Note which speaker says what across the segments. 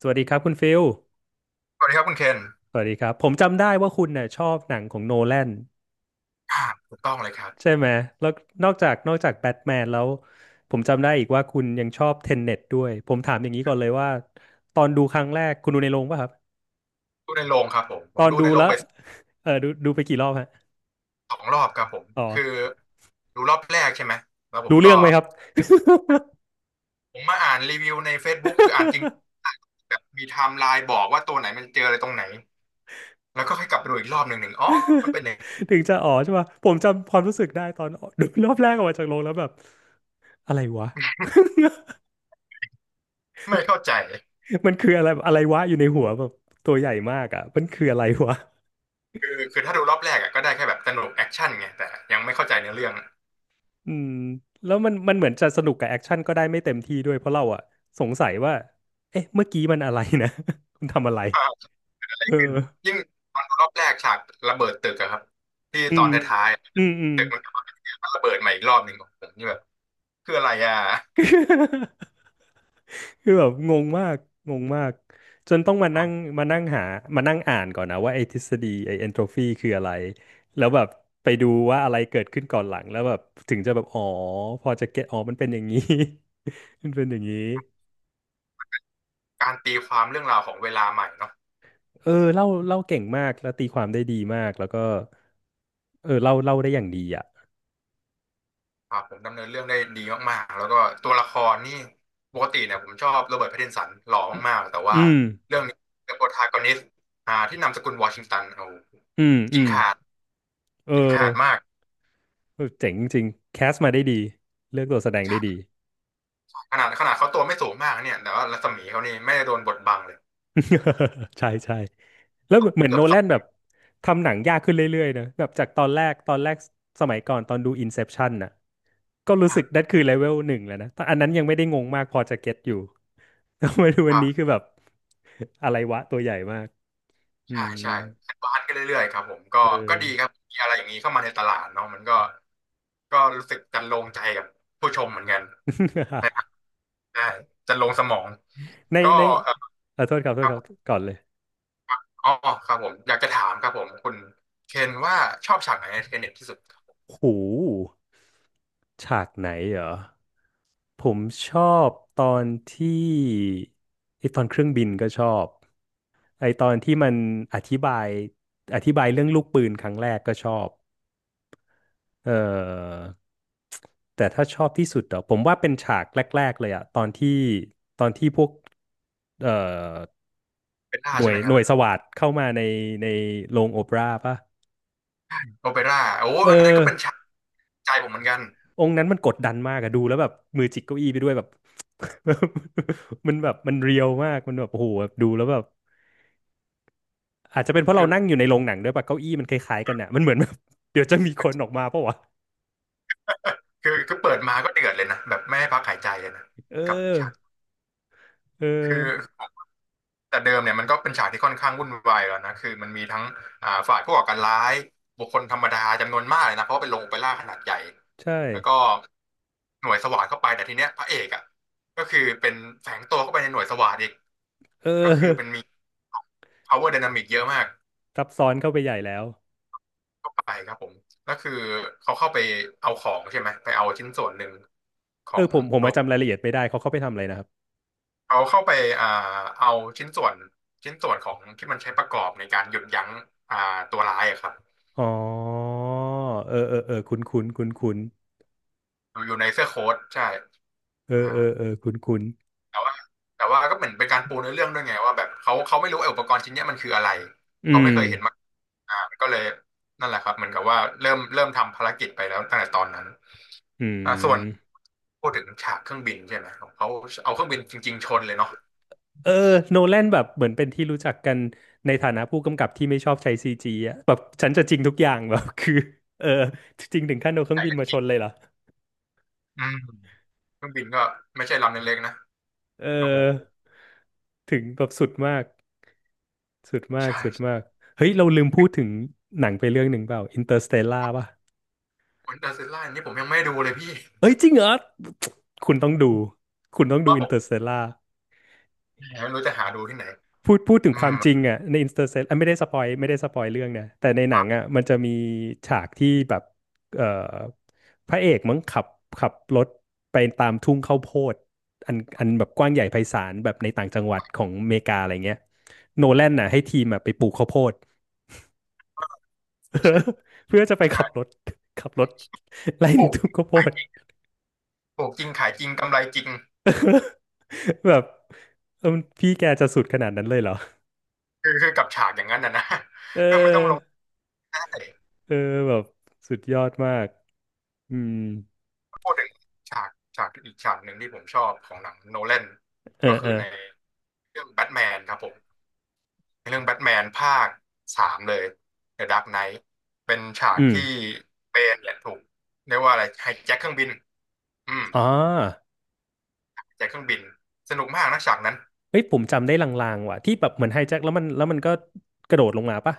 Speaker 1: สวัสดีครับคุณฟิล
Speaker 2: สวัสดีครับคุณเคน
Speaker 1: สวัสดีครับ ผมจำได้ว่าคุณเนี่ยชอบหนังของโนแลน
Speaker 2: อ่าถูกต้องเลยครับ
Speaker 1: ใช่ไหมแล้วนอกจากแบทแมนแล้วผมจำได้อีกว่าคุณยังชอบเทนเน็ตด้วย ผมถามอย่างนี้ก่อนเลยว่าตอนดูครั้งแรกคุณดูในโรงป่ะครับ
Speaker 2: ดูในโรงครับผมผ
Speaker 1: ตอ
Speaker 2: ม
Speaker 1: น
Speaker 2: ดู
Speaker 1: ดู
Speaker 2: ในโร
Speaker 1: แล้
Speaker 2: ง
Speaker 1: ว
Speaker 2: ไป
Speaker 1: เออดูไปกี่รอบฮะ
Speaker 2: สองรอบครับผม
Speaker 1: อ๋อ
Speaker 2: คือดูรอบแรกใช่ไหมแล้วผม
Speaker 1: รู้
Speaker 2: ก็
Speaker 1: เรื่องไหมครับ
Speaker 2: ผมมาอ่านรีวิวใน Facebook คืออ่านจริงแบบมีไทม์ไลน์บอกว่าตัวไหนมันเจออะไรตรงไหนแล้วก็ค่อยกลับไปดูอีกรอบหนึ่งอ๋อมันเป็นอย่างนี้
Speaker 1: ถึงจะอ๋อใช่ป่ะผมจำความรู้สึกได้ตอนดูรอบแรกออกมาจากโรงแล้วแบบอะไรวะ
Speaker 2: ไม่เข้าใจ
Speaker 1: มันคืออะไรอะไรวะอยู่ในหัวแบบตัวใหญ่มากอ่ะมันคืออะไรวะ
Speaker 2: คือถ้าดูรอบแรกอะก็ได้แค่แบบสนุกแอคชั่นไงแต่ยังไม่เข้าใจเนื้อเรื่อง
Speaker 1: อืมแล้วมันเหมือนจะสนุกกับแอคชั่นก็ได้ไม่เต็มที่ด้วยเพราะเราอะสงสัยว่าเอ๊ะเมื่อกี้มันอะไรนะ คุณทำอะไร
Speaker 2: ว่าเกิดอะไรขึ้น
Speaker 1: เออ
Speaker 2: ยิ่งตอนดูรอบแรกฉากระเบิดตึกอะครับที่
Speaker 1: อื
Speaker 2: ตอน
Speaker 1: ม
Speaker 2: ท้ายๆอะ
Speaker 1: อืม
Speaker 2: มันระเบิดมาอีกรอบหนึ่งผมนี่แบบคืออะไรอะ
Speaker 1: คือแบบงงมากงงมากจนต้องมานั่งหามานั่งอ่านก่อนนะว่าไอ้ทฤษฎีไอ้เอนโทรฟีคืออะไรแล้วแบบไปดูว่าอะไรเกิดขึ้นก่อนหลังแล้วแบบถึงจะแบบอ๋อพอจะเก็ตอ๋อมันเป็นอย่างนี้ มันเป็นอย่างนี้
Speaker 2: การตีความเรื่องราวของเวลาใหม่เนาะ
Speaker 1: เออเล่าเก่งมากแล้วตีความได้ดีมากแล้วก็เออเล่าได้อย่างดีอ่ะ
Speaker 2: ครับผมดำเนินเรื่องได้ดีมากๆแล้วก็ตัวละครนี่ปกติเนี่ยผมชอบโรเบิร์ตแพตตินสันหล่อมากๆแต่ว่า
Speaker 1: อืม
Speaker 2: เรื่องนี้เป็นโปรทากอนิสต์ที่นามสกุลวอชิงตันโอ้โห
Speaker 1: อืมอื
Speaker 2: กิน
Speaker 1: ม
Speaker 2: ขาด
Speaker 1: เออ
Speaker 2: กินขาดมาก
Speaker 1: เออเจ๋งจริงแคสมาได้ดีเลือกตัวแสดงได้ดี
Speaker 2: ขนาดเขาตัวไม่สูงมากเนี่ยแต่ว่ารัศมีเขานี่ไม่ได้โดนบดบังเลย
Speaker 1: ใช่ใช่แล้วเหมือน
Speaker 2: เกือ
Speaker 1: โน
Speaker 2: บส
Speaker 1: แล
Speaker 2: อง
Speaker 1: นแบบทำหนังยากขึ้นเรื่อยๆนะแบบจากตอนแรกสมัยก่อนตอนดู Inception น่ะก็รู้สึ
Speaker 2: ข้า
Speaker 1: ก
Speaker 2: ง
Speaker 1: นั่นคือเลเวลหนึ่งแล้วนะแต่อันนั้นยังไม่ได้งงมากพอจะเก็ตอยู่ แต่มาดู
Speaker 2: ค
Speaker 1: วัน
Speaker 2: รั
Speaker 1: นี้คื
Speaker 2: บ
Speaker 1: อแบบอะไรวะตัวใหญ่มากอื
Speaker 2: ใช่ใช่
Speaker 1: ม
Speaker 2: บานกันเรื่อยๆครับผมก็
Speaker 1: เอ
Speaker 2: ก็
Speaker 1: อ
Speaker 2: ดีครับมีอะไรอย่างนี้เข้ามาในตลาดเนาะมันก็ก็รู้สึกจันโลงใจกับผู้ชมเหมือนกันใน ใช่จะลงสมอง
Speaker 1: ใน
Speaker 2: ก็
Speaker 1: ใน
Speaker 2: เออ
Speaker 1: เออโทษครับโท
Speaker 2: ค
Speaker 1: ษ
Speaker 2: รับ
Speaker 1: ครั
Speaker 2: ผ
Speaker 1: บ
Speaker 2: ม
Speaker 1: ก่อนเลย
Speaker 2: อ๋อครับผมอยากจะถามครับผมคุณเคนว่าชอบฉากไหนในเทเน็ตที่สุด
Speaker 1: หูฉากไหนเหรอผมชอบตอนที่ไอตอนเครื่องบินก็ชอบไอตอนที่มันอธิบายอธิบายเรื่องลูกปืนครั้งแรกก็ชอบเออแต่ถ้าชอบที่สุดเหรอผมว่าเป็นฉากแรกๆเลยอะตอนที่พวกเอ่อ
Speaker 2: โอเปร่า
Speaker 1: หน่ว
Speaker 2: ใช่
Speaker 1: ย
Speaker 2: ไหมค
Speaker 1: ห
Speaker 2: รั
Speaker 1: น่วยส
Speaker 2: บ
Speaker 1: วาทเข้ามาในโรงโอเปร่าป่ะ
Speaker 2: โอเปร่าโอ้
Speaker 1: เอ
Speaker 2: อันนั้น
Speaker 1: อ
Speaker 2: ก็เป็นฉากใจผมเหมือนกัน
Speaker 1: องค์นั้นมันกดดันมากอะดูแล้วแบบมือจิกเก้าอี้ไปด้วยแบบ มันแบบมันเรียวมากมันแบบโอ้โหแบบดูแล้วแบบอาจจะเป็นเพราะ
Speaker 2: คื
Speaker 1: เรา
Speaker 2: อ
Speaker 1: นั่งอยู่ในโรงหนังด้วยปะเก้าอี้มันคล้ายๆกันอะมันเหมือนแบบ เดี๋ยวจะมีคนออกมาปะวะ
Speaker 2: คือเปิดมาก็เดือดเลยนะแบบไม่ให้พักหายใจเลยนะ
Speaker 1: เอ
Speaker 2: กับฉาก
Speaker 1: อเออ
Speaker 2: คือ แต่เดิมเนี่ยมันก็เป็นฉากที่ค่อนข้างวุ่นวายแล้วนะคือมันมีทั้งฝ่ายผู้ก่อการร้ายบุคคลธรรมดาจำนวนมากเลยนะเพราะว่าเป็นโรงโอเปร่าขนาดใหญ่
Speaker 1: ใช่
Speaker 2: แล้วก็หน่วยสวาทเข้าไปแต่ทีเนี้ยพระเอกอ่ะก็คือเป็นแฝงตัวเข้าไปในหน่วยสวาทอีก
Speaker 1: เอ
Speaker 2: ก็คือเป็น
Speaker 1: อ
Speaker 2: มี power dynamic เยอะมาก
Speaker 1: ซับซ้อนเข้าไปใหญ่แล้ว
Speaker 2: ไปครับผมก็คือเขาเข้าไปเอาของใช่ไหมไปเอาชิ้นส่วนหนึ่งขอ
Speaker 1: เออ
Speaker 2: ง
Speaker 1: ผม
Speaker 2: ด
Speaker 1: มา
Speaker 2: วง
Speaker 1: รายละเอียดไม่ได้เขาเข้าไปทำอะไรนะครับ
Speaker 2: เขาเข้าไปอ่าเอาชิ้นส่วนของที่มันใช้ประกอบในการหยุดยั้งอ่าตัวร้ายอะครับ
Speaker 1: อ๋อเออคุ้นคุ้นคุ้นคุ้น
Speaker 2: อยู่ในเสื้อโค้ทใช่
Speaker 1: ๆเอ
Speaker 2: อ่า
Speaker 1: อเออเออคุ้นคุ้น
Speaker 2: แต่ว่าก็เหมือนเป็นการปูเนื้อเรื่องด้วยไงว่าแบบเขาไม่รู้ไอ้อุปกรณ์ชิ้นเนี้ยมันคืออะไร
Speaker 1: ๆอื
Speaker 2: เขาไม่
Speaker 1: ม
Speaker 2: เคยเห็นมาอ่าก็เลยนั่นแหละครับเหมือนกับว่าเริ่มทำภารกิจไปแล้วตั้งแต่ตอนนั้น
Speaker 1: อื
Speaker 2: อ่าส่วน
Speaker 1: ม
Speaker 2: พูดถึงฉากเครื่องบินใช่ไหมของเขาเอาเครื่องบินจริงๆชนเลยเนาะ
Speaker 1: เออโนแลนแบบเหมือนเป็นที่รู้จักกันในฐานะผู้กำกับที่ไม่ชอบใช้ซีจีอะแบบฉันจะจริงทุกอย่างแบบคือเออจริงถึงขั้นเอาเครื่
Speaker 2: ให
Speaker 1: อง
Speaker 2: ญ่
Speaker 1: บิน
Speaker 2: เล
Speaker 1: มาช
Speaker 2: ย
Speaker 1: นเลยเหรอ
Speaker 2: อืมเครื่องบินก็ไม่ใช่ลำเล็กๆนะ
Speaker 1: เอ
Speaker 2: โอ้โห
Speaker 1: อถึงแบบ
Speaker 2: ใช่
Speaker 1: สุดมากเฮ้ยเราลืมพูดถึงหนังไปเรื่องหนึ่งเปล่าอินเตอร์สเตลล่าป่ะ
Speaker 2: คนเดอร์ซิลล่านี่ผมยังไม่ดูเลยพี่
Speaker 1: เอ้ยจริงเหรอคุณต้องดูคุณต้องดู
Speaker 2: ว่า
Speaker 1: อิ
Speaker 2: ผ
Speaker 1: นเตอร์
Speaker 2: ม
Speaker 1: สเตลล่า
Speaker 2: ไม่รู้จะหาดูที่ไหน
Speaker 1: พูดถึง
Speaker 2: อื
Speaker 1: ควา
Speaker 2: ม
Speaker 1: มจริงอ่ะในอินเตอร์เซอ่ะไม่ได้สปอยเรื่องนะแต่ในหนังอ่ะมันจะมีฉากที่แบบเอ่อพระเอกมั้งขับรถไปตามทุ่งข้าวโพดอันแบบกว้างใหญ่ไพศาลแบบในต่างจังหวัดของอเมริกาอะไรเงี้ยโนแลนน่ะให้ทีมอ่ะไปปลูกข้าวโพด
Speaker 2: ใช่
Speaker 1: เพื่อจะไปขับรถไล่
Speaker 2: ป
Speaker 1: ใน
Speaker 2: ลู
Speaker 1: ทุ่ง
Speaker 2: ก
Speaker 1: ข้าวโพด
Speaker 2: ปลูกจริงขายจริงกำไรจริง
Speaker 1: แบบเออพี่แกจะสุดขนาดนั้นเลยเหรอ
Speaker 2: คือคือกับฉากอย่างนั้นนะนะ
Speaker 1: เอ
Speaker 2: ก็ไม่ต้องลง
Speaker 1: อ
Speaker 2: ได้
Speaker 1: เออแบบสุดยอดมากอืม
Speaker 2: พูดถึงฉากฉากอีกฉากหนึ่งที่ผมชอบของหนังโนแลน
Speaker 1: เออ
Speaker 2: ก็คื
Speaker 1: เอ
Speaker 2: อ
Speaker 1: อ
Speaker 2: ในเรื่องแบทแมนครับผมในเรื่องแบทแมนภาคสามเลย The Dark Knight เป็นฉาก
Speaker 1: อืม
Speaker 2: ที่เบนเนี่ยถูกเรียกว่าอะไรไฮแจ็คเครื่องบินอืม
Speaker 1: อ๋อ
Speaker 2: แจ็คเครื่องบินสนุกมากนะฉากนั้น
Speaker 1: เฮ้ยผมจำได้ลางๆว่ะที่แบบเหมือนไฮแจ็คแล้วมันแล้วมันก็กระโดดลงมาปะ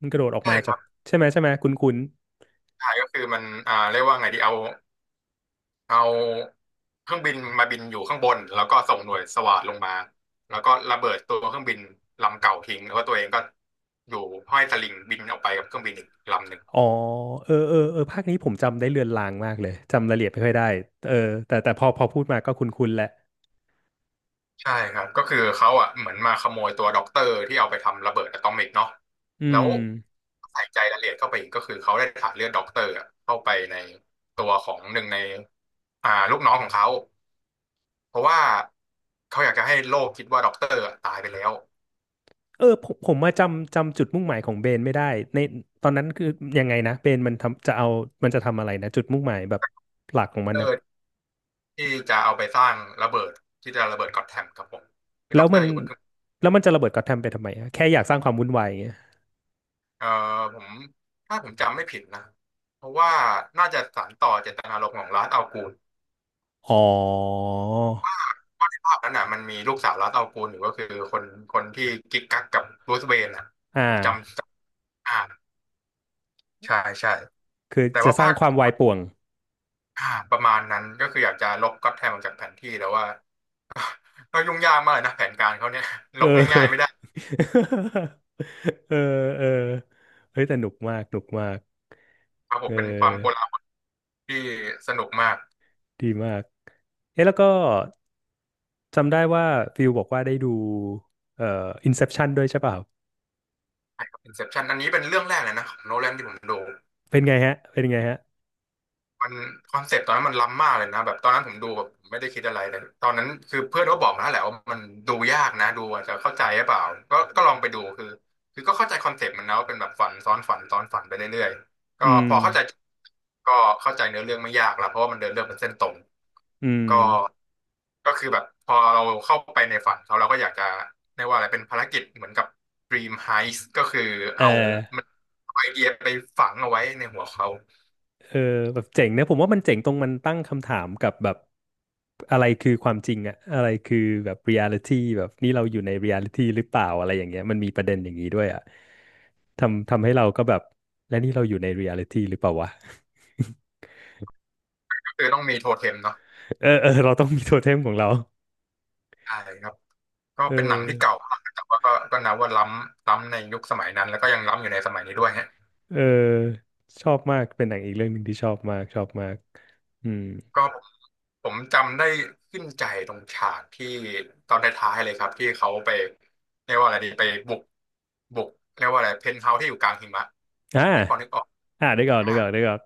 Speaker 1: มันกระโดดออก
Speaker 2: ใช่
Speaker 1: มา
Speaker 2: ค
Speaker 1: จาก
Speaker 2: รับ
Speaker 1: ใช่ไหมคุณคุณ
Speaker 2: ใช่ก็คือมันอ่าเรียกว่าไงดีเอาเครื่องบินมาบินอยู่ข้างบนแล้วก็ส่งหน่วยสวาทลงมาแล้วก็ระเบิดตัวเครื่องบินลำเก่าทิ้งแล้วก็ตัวเองก็อยู่ห้อยสลิงบินออกไปกับเครื่องบินอีกลำหนึ่ง
Speaker 1: อ๋อเออภาคนี้ผมจำได้เลือนลางมากเลยจำรายละเอียดไม่ค่อยได้เออแต่พอพูดมาก็คุ้นคุนแหละ
Speaker 2: ใช่ครับก็คือเขาอ่ะเหมือนมาขโมยตัวด็อกเตอร์ที่เอาไปทำระเบิดอะตอมิกเนาะ
Speaker 1: อื
Speaker 2: แล้ว
Speaker 1: ม
Speaker 2: ใส่ใจรายละเอียดเข้าไปอีกก็คือเขาได้ถ่ายเลือดด็อกเตอร์อะเข้าไปในตัวของหนึ่งในลูกน้องของเขาเพราะว่าเขาอยากจะให้โลกคิดว่าด็อกเตอร์อะตายไปแล้ว
Speaker 1: เออผมมาจำจุดมุ่งหมายของเบนไม่ได้ในตอนนั้นคือยังไงนะเบนมันจะทำอะไรนะจุดมุ่งหมายแบบหลักของมันนะ
Speaker 2: ที่จะเอาไปสร้างระเบิดที่จะระเบิดก็อตแทมครับผมคือ
Speaker 1: แล้
Speaker 2: ด็
Speaker 1: ว
Speaker 2: อกเตอ
Speaker 1: มัน
Speaker 2: ร์อยู่บนเครื่อง
Speaker 1: แล้วมันจะระเบิดก็อตแทมไปทำไมอะแค่อยากสร้างความวุ่นวาย
Speaker 2: เอ่อผมถ้าผมจำไม่ผิดนะเพราะว่าน่าจะสานต่อเจตนารมณ์ของลาสอัลกูล
Speaker 1: อ๋อ
Speaker 2: ภาพนั้นน่ะมันมีลูกสาวลาสอัลกูลอยู่ก็คือคนคนที่กิ๊กกักกับรูสเวนนะ
Speaker 1: อ่
Speaker 2: ผมจำ
Speaker 1: า
Speaker 2: จำอ่าใช่ใช่
Speaker 1: คือ
Speaker 2: แต่
Speaker 1: จะ
Speaker 2: ว่า
Speaker 1: สร้า
Speaker 2: ภา
Speaker 1: ง
Speaker 2: ค
Speaker 1: ความวายป่วง
Speaker 2: อ่าประมาณนั้นก็คืออยากจะลบก็อตแทมออกจากแผนที่แต่ว่า ก็ยุ่งยากมากเลยนะแผนการเขาเนี่ยล
Speaker 1: เอ
Speaker 2: บง่ายๆไม่ได้
Speaker 1: อ เออเออเฮ้ยแต่หนุกมาก
Speaker 2: ครับผ
Speaker 1: เ
Speaker 2: มเป็นความโก
Speaker 1: ออ
Speaker 2: ลาหลที่สนุกมาก
Speaker 1: ดีมาก เอ๊ะแล้วก็จำได้ว่าฟิลบอกว่าได้ดูเอ่อ Inception ด้วยใช่เปล่า
Speaker 2: Inception อันนี้เป็นเรื่องแรกเลยนะของโนแลนที่ผมดู
Speaker 1: เป็นไงฮะ
Speaker 2: มันคอนเซปต์ตอนนั้นมันล้ำมากเลยนะแบบตอนนั้นผมดูแบบไม่ได้คิดอะไรเลยตอนนั้นคือเพื่อนก็บอกนะแหละว่ามันดูยากนะดูอาจจะเข้าใจหรือเปล่าก็ลองไปดูคือก็เข้าใจคอนเซปต์มันนะว่าเป็นแบบฝันซ้อนฝันซ้อนฝันไปเรื่อยๆก็
Speaker 1: อื
Speaker 2: พ
Speaker 1: ม
Speaker 2: อเข้าใจก็เข้าใจเนื้อเรื่องไม่ยากละเพราะว่ามันเดินเรื่องเป็นเส้นตรง
Speaker 1: อืม
Speaker 2: ก็ก็คือแบบพอเราเข้าไปในฝันเขาเราก็อยากจะเรียกว่าอะไรเป็นภารกิจเหมือนกับ Dream Heist ก็คือ
Speaker 1: เ
Speaker 2: เอา
Speaker 1: ออ
Speaker 2: มันเอาไอเดียไปฝังเอาไว้ในหัวเขา
Speaker 1: เออแบบเจ๋งนะผมว่ามันเจ๋งตรงมันตั้งคำถามกับแบบอะไรคือความจริงอะอะไรคือแบบเรียลิตี้แบบนี่เราอยู่ในเรียลิตี้หรือเปล่าอะไรอย่างเงี้ยมันมีประเด็นอย่างนี้ด้วยอะทำให้เราก็แบบและนี่เราอยู่ในเรียลิตี้หรือเปล่าวะ
Speaker 2: ก็คือต้องมีโทเทมเนาะ
Speaker 1: เออเออเราต้องมีโทเทมของเรา
Speaker 2: ใช่ครับก็
Speaker 1: เอ
Speaker 2: เป็นหนังที่เก่า
Speaker 1: อ
Speaker 2: มากแต่ว่าก็นับว่าล้ำในยุคสมัยนั้นแล้วก็ยังล้ำอยู่ในสมัยนี้ด้วยฮะ
Speaker 1: เออชอบมากเป็นหนังอีกเรื่องหนึ่งที่ชอบมากอืม
Speaker 2: ก็ผมจำได้ขึ้นใจตรงฉากที่ตอนท้ายๆเลยครับที่เขาไปเรียกว่าอะไรดีไปบุกบุกเรียกว่าอะไรเพนท์เฮาส์ที่อยู่กลางหิมะ
Speaker 1: อ่า
Speaker 2: นี่พอนึกออก พาด
Speaker 1: เดี๋ยวก่อน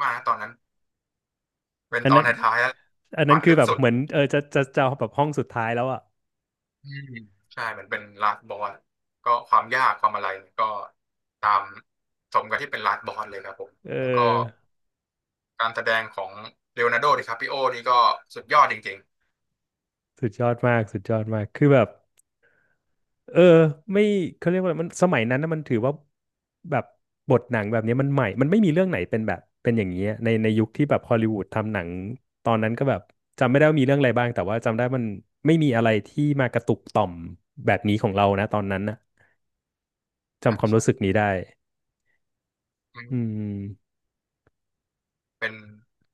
Speaker 2: มากนะตอนนั้นเป็น
Speaker 1: อัน
Speaker 2: ตอน
Speaker 1: นั้น
Speaker 2: ท้ายๆแล้ว
Speaker 1: อันนั้
Speaker 2: ฝั
Speaker 1: น
Speaker 2: น
Speaker 1: คือ
Speaker 2: ลึก
Speaker 1: แบบ
Speaker 2: สุด
Speaker 1: เหมือนเออจะแบบห้องสุดท้ายแล้วอ่ะ
Speaker 2: อืมใช่เหมือนเป็นลาสบอสก็ความยากความอะไรเนี่ยก็ตามสมกับที่เป็นลาสบอสเลยครับผม
Speaker 1: เอ
Speaker 2: แล้วก็
Speaker 1: อ
Speaker 2: การแสดงของเลโอนาร์โดดิคาปิโอนี่ก็สุดยอดจริง
Speaker 1: สุดยอดมากคือแบบเออไม่เขาเรียกว่าอะไรมันสมัยนั้นนะมันถือว่าแบบบทหนังแบบนี้มันใหม่มันไม่มีเรื่องไหนเป็นแบบเป็นอย่างนี้อะในยุคที่แบบฮอลลีวูดทำหนังตอนนั้นก็แบบจำไม่ได้ว่ามีเรื่องอะไรบ้างแต่ว่าจำได้มันไม่มีอะไรที่มากระตุกต่อมแบบนี้ของเรานะตอนนั้นนะ
Speaker 2: ๆใช่
Speaker 1: จำความ
Speaker 2: ใช่
Speaker 1: รู้สึกนี้ได้
Speaker 2: อื
Speaker 1: อื
Speaker 2: ม
Speaker 1: ม
Speaker 2: เป็น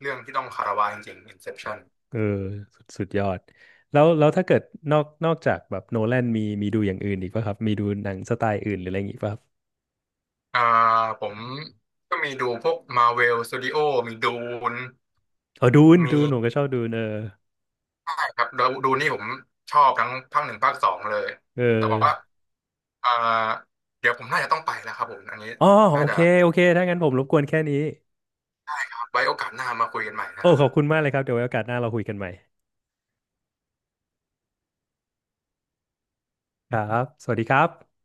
Speaker 2: เรื่องที่ต้องคารวะจริงๆ Inception
Speaker 1: เออสุดยอดแล้วถ้าเกิดนอกจากแบบโนแลนมีดูอย่างอื่นอีกป่ะครับมีดูหนังสไตล์อื่นหรืออะไรอย่างงี้ป่ะครับ
Speaker 2: อ่าผมก็มีดูพวก Marvel Studio มีดูน
Speaker 1: อ๋อดูนดู
Speaker 2: มี
Speaker 1: นผมก็ชอบดูนเออ
Speaker 2: ใช่ครับดูนี่ผมชอบทั้งภาคหนึ่งภาคสองเลย
Speaker 1: เออ
Speaker 2: แต่ว่าอ่าเดี๋ยวผมน่าจะต้องไปแล้วครับผมอันนี้
Speaker 1: อ๋อ
Speaker 2: น่า
Speaker 1: โอ
Speaker 2: จะ
Speaker 1: เค โอเค ถ้างั้นผมรบกวนแค่นี้
Speaker 2: ไว้โอกาสหน้ามาคุยกันใหม่
Speaker 1: โอ้
Speaker 2: นะครับ
Speaker 1: ข
Speaker 2: ผ
Speaker 1: อบ
Speaker 2: ม
Speaker 1: คุณมากเลยครับ เดี๋ยวไว้โอกาสหน้าเราคุยกันใหม่ ครับ สวัสดีครับ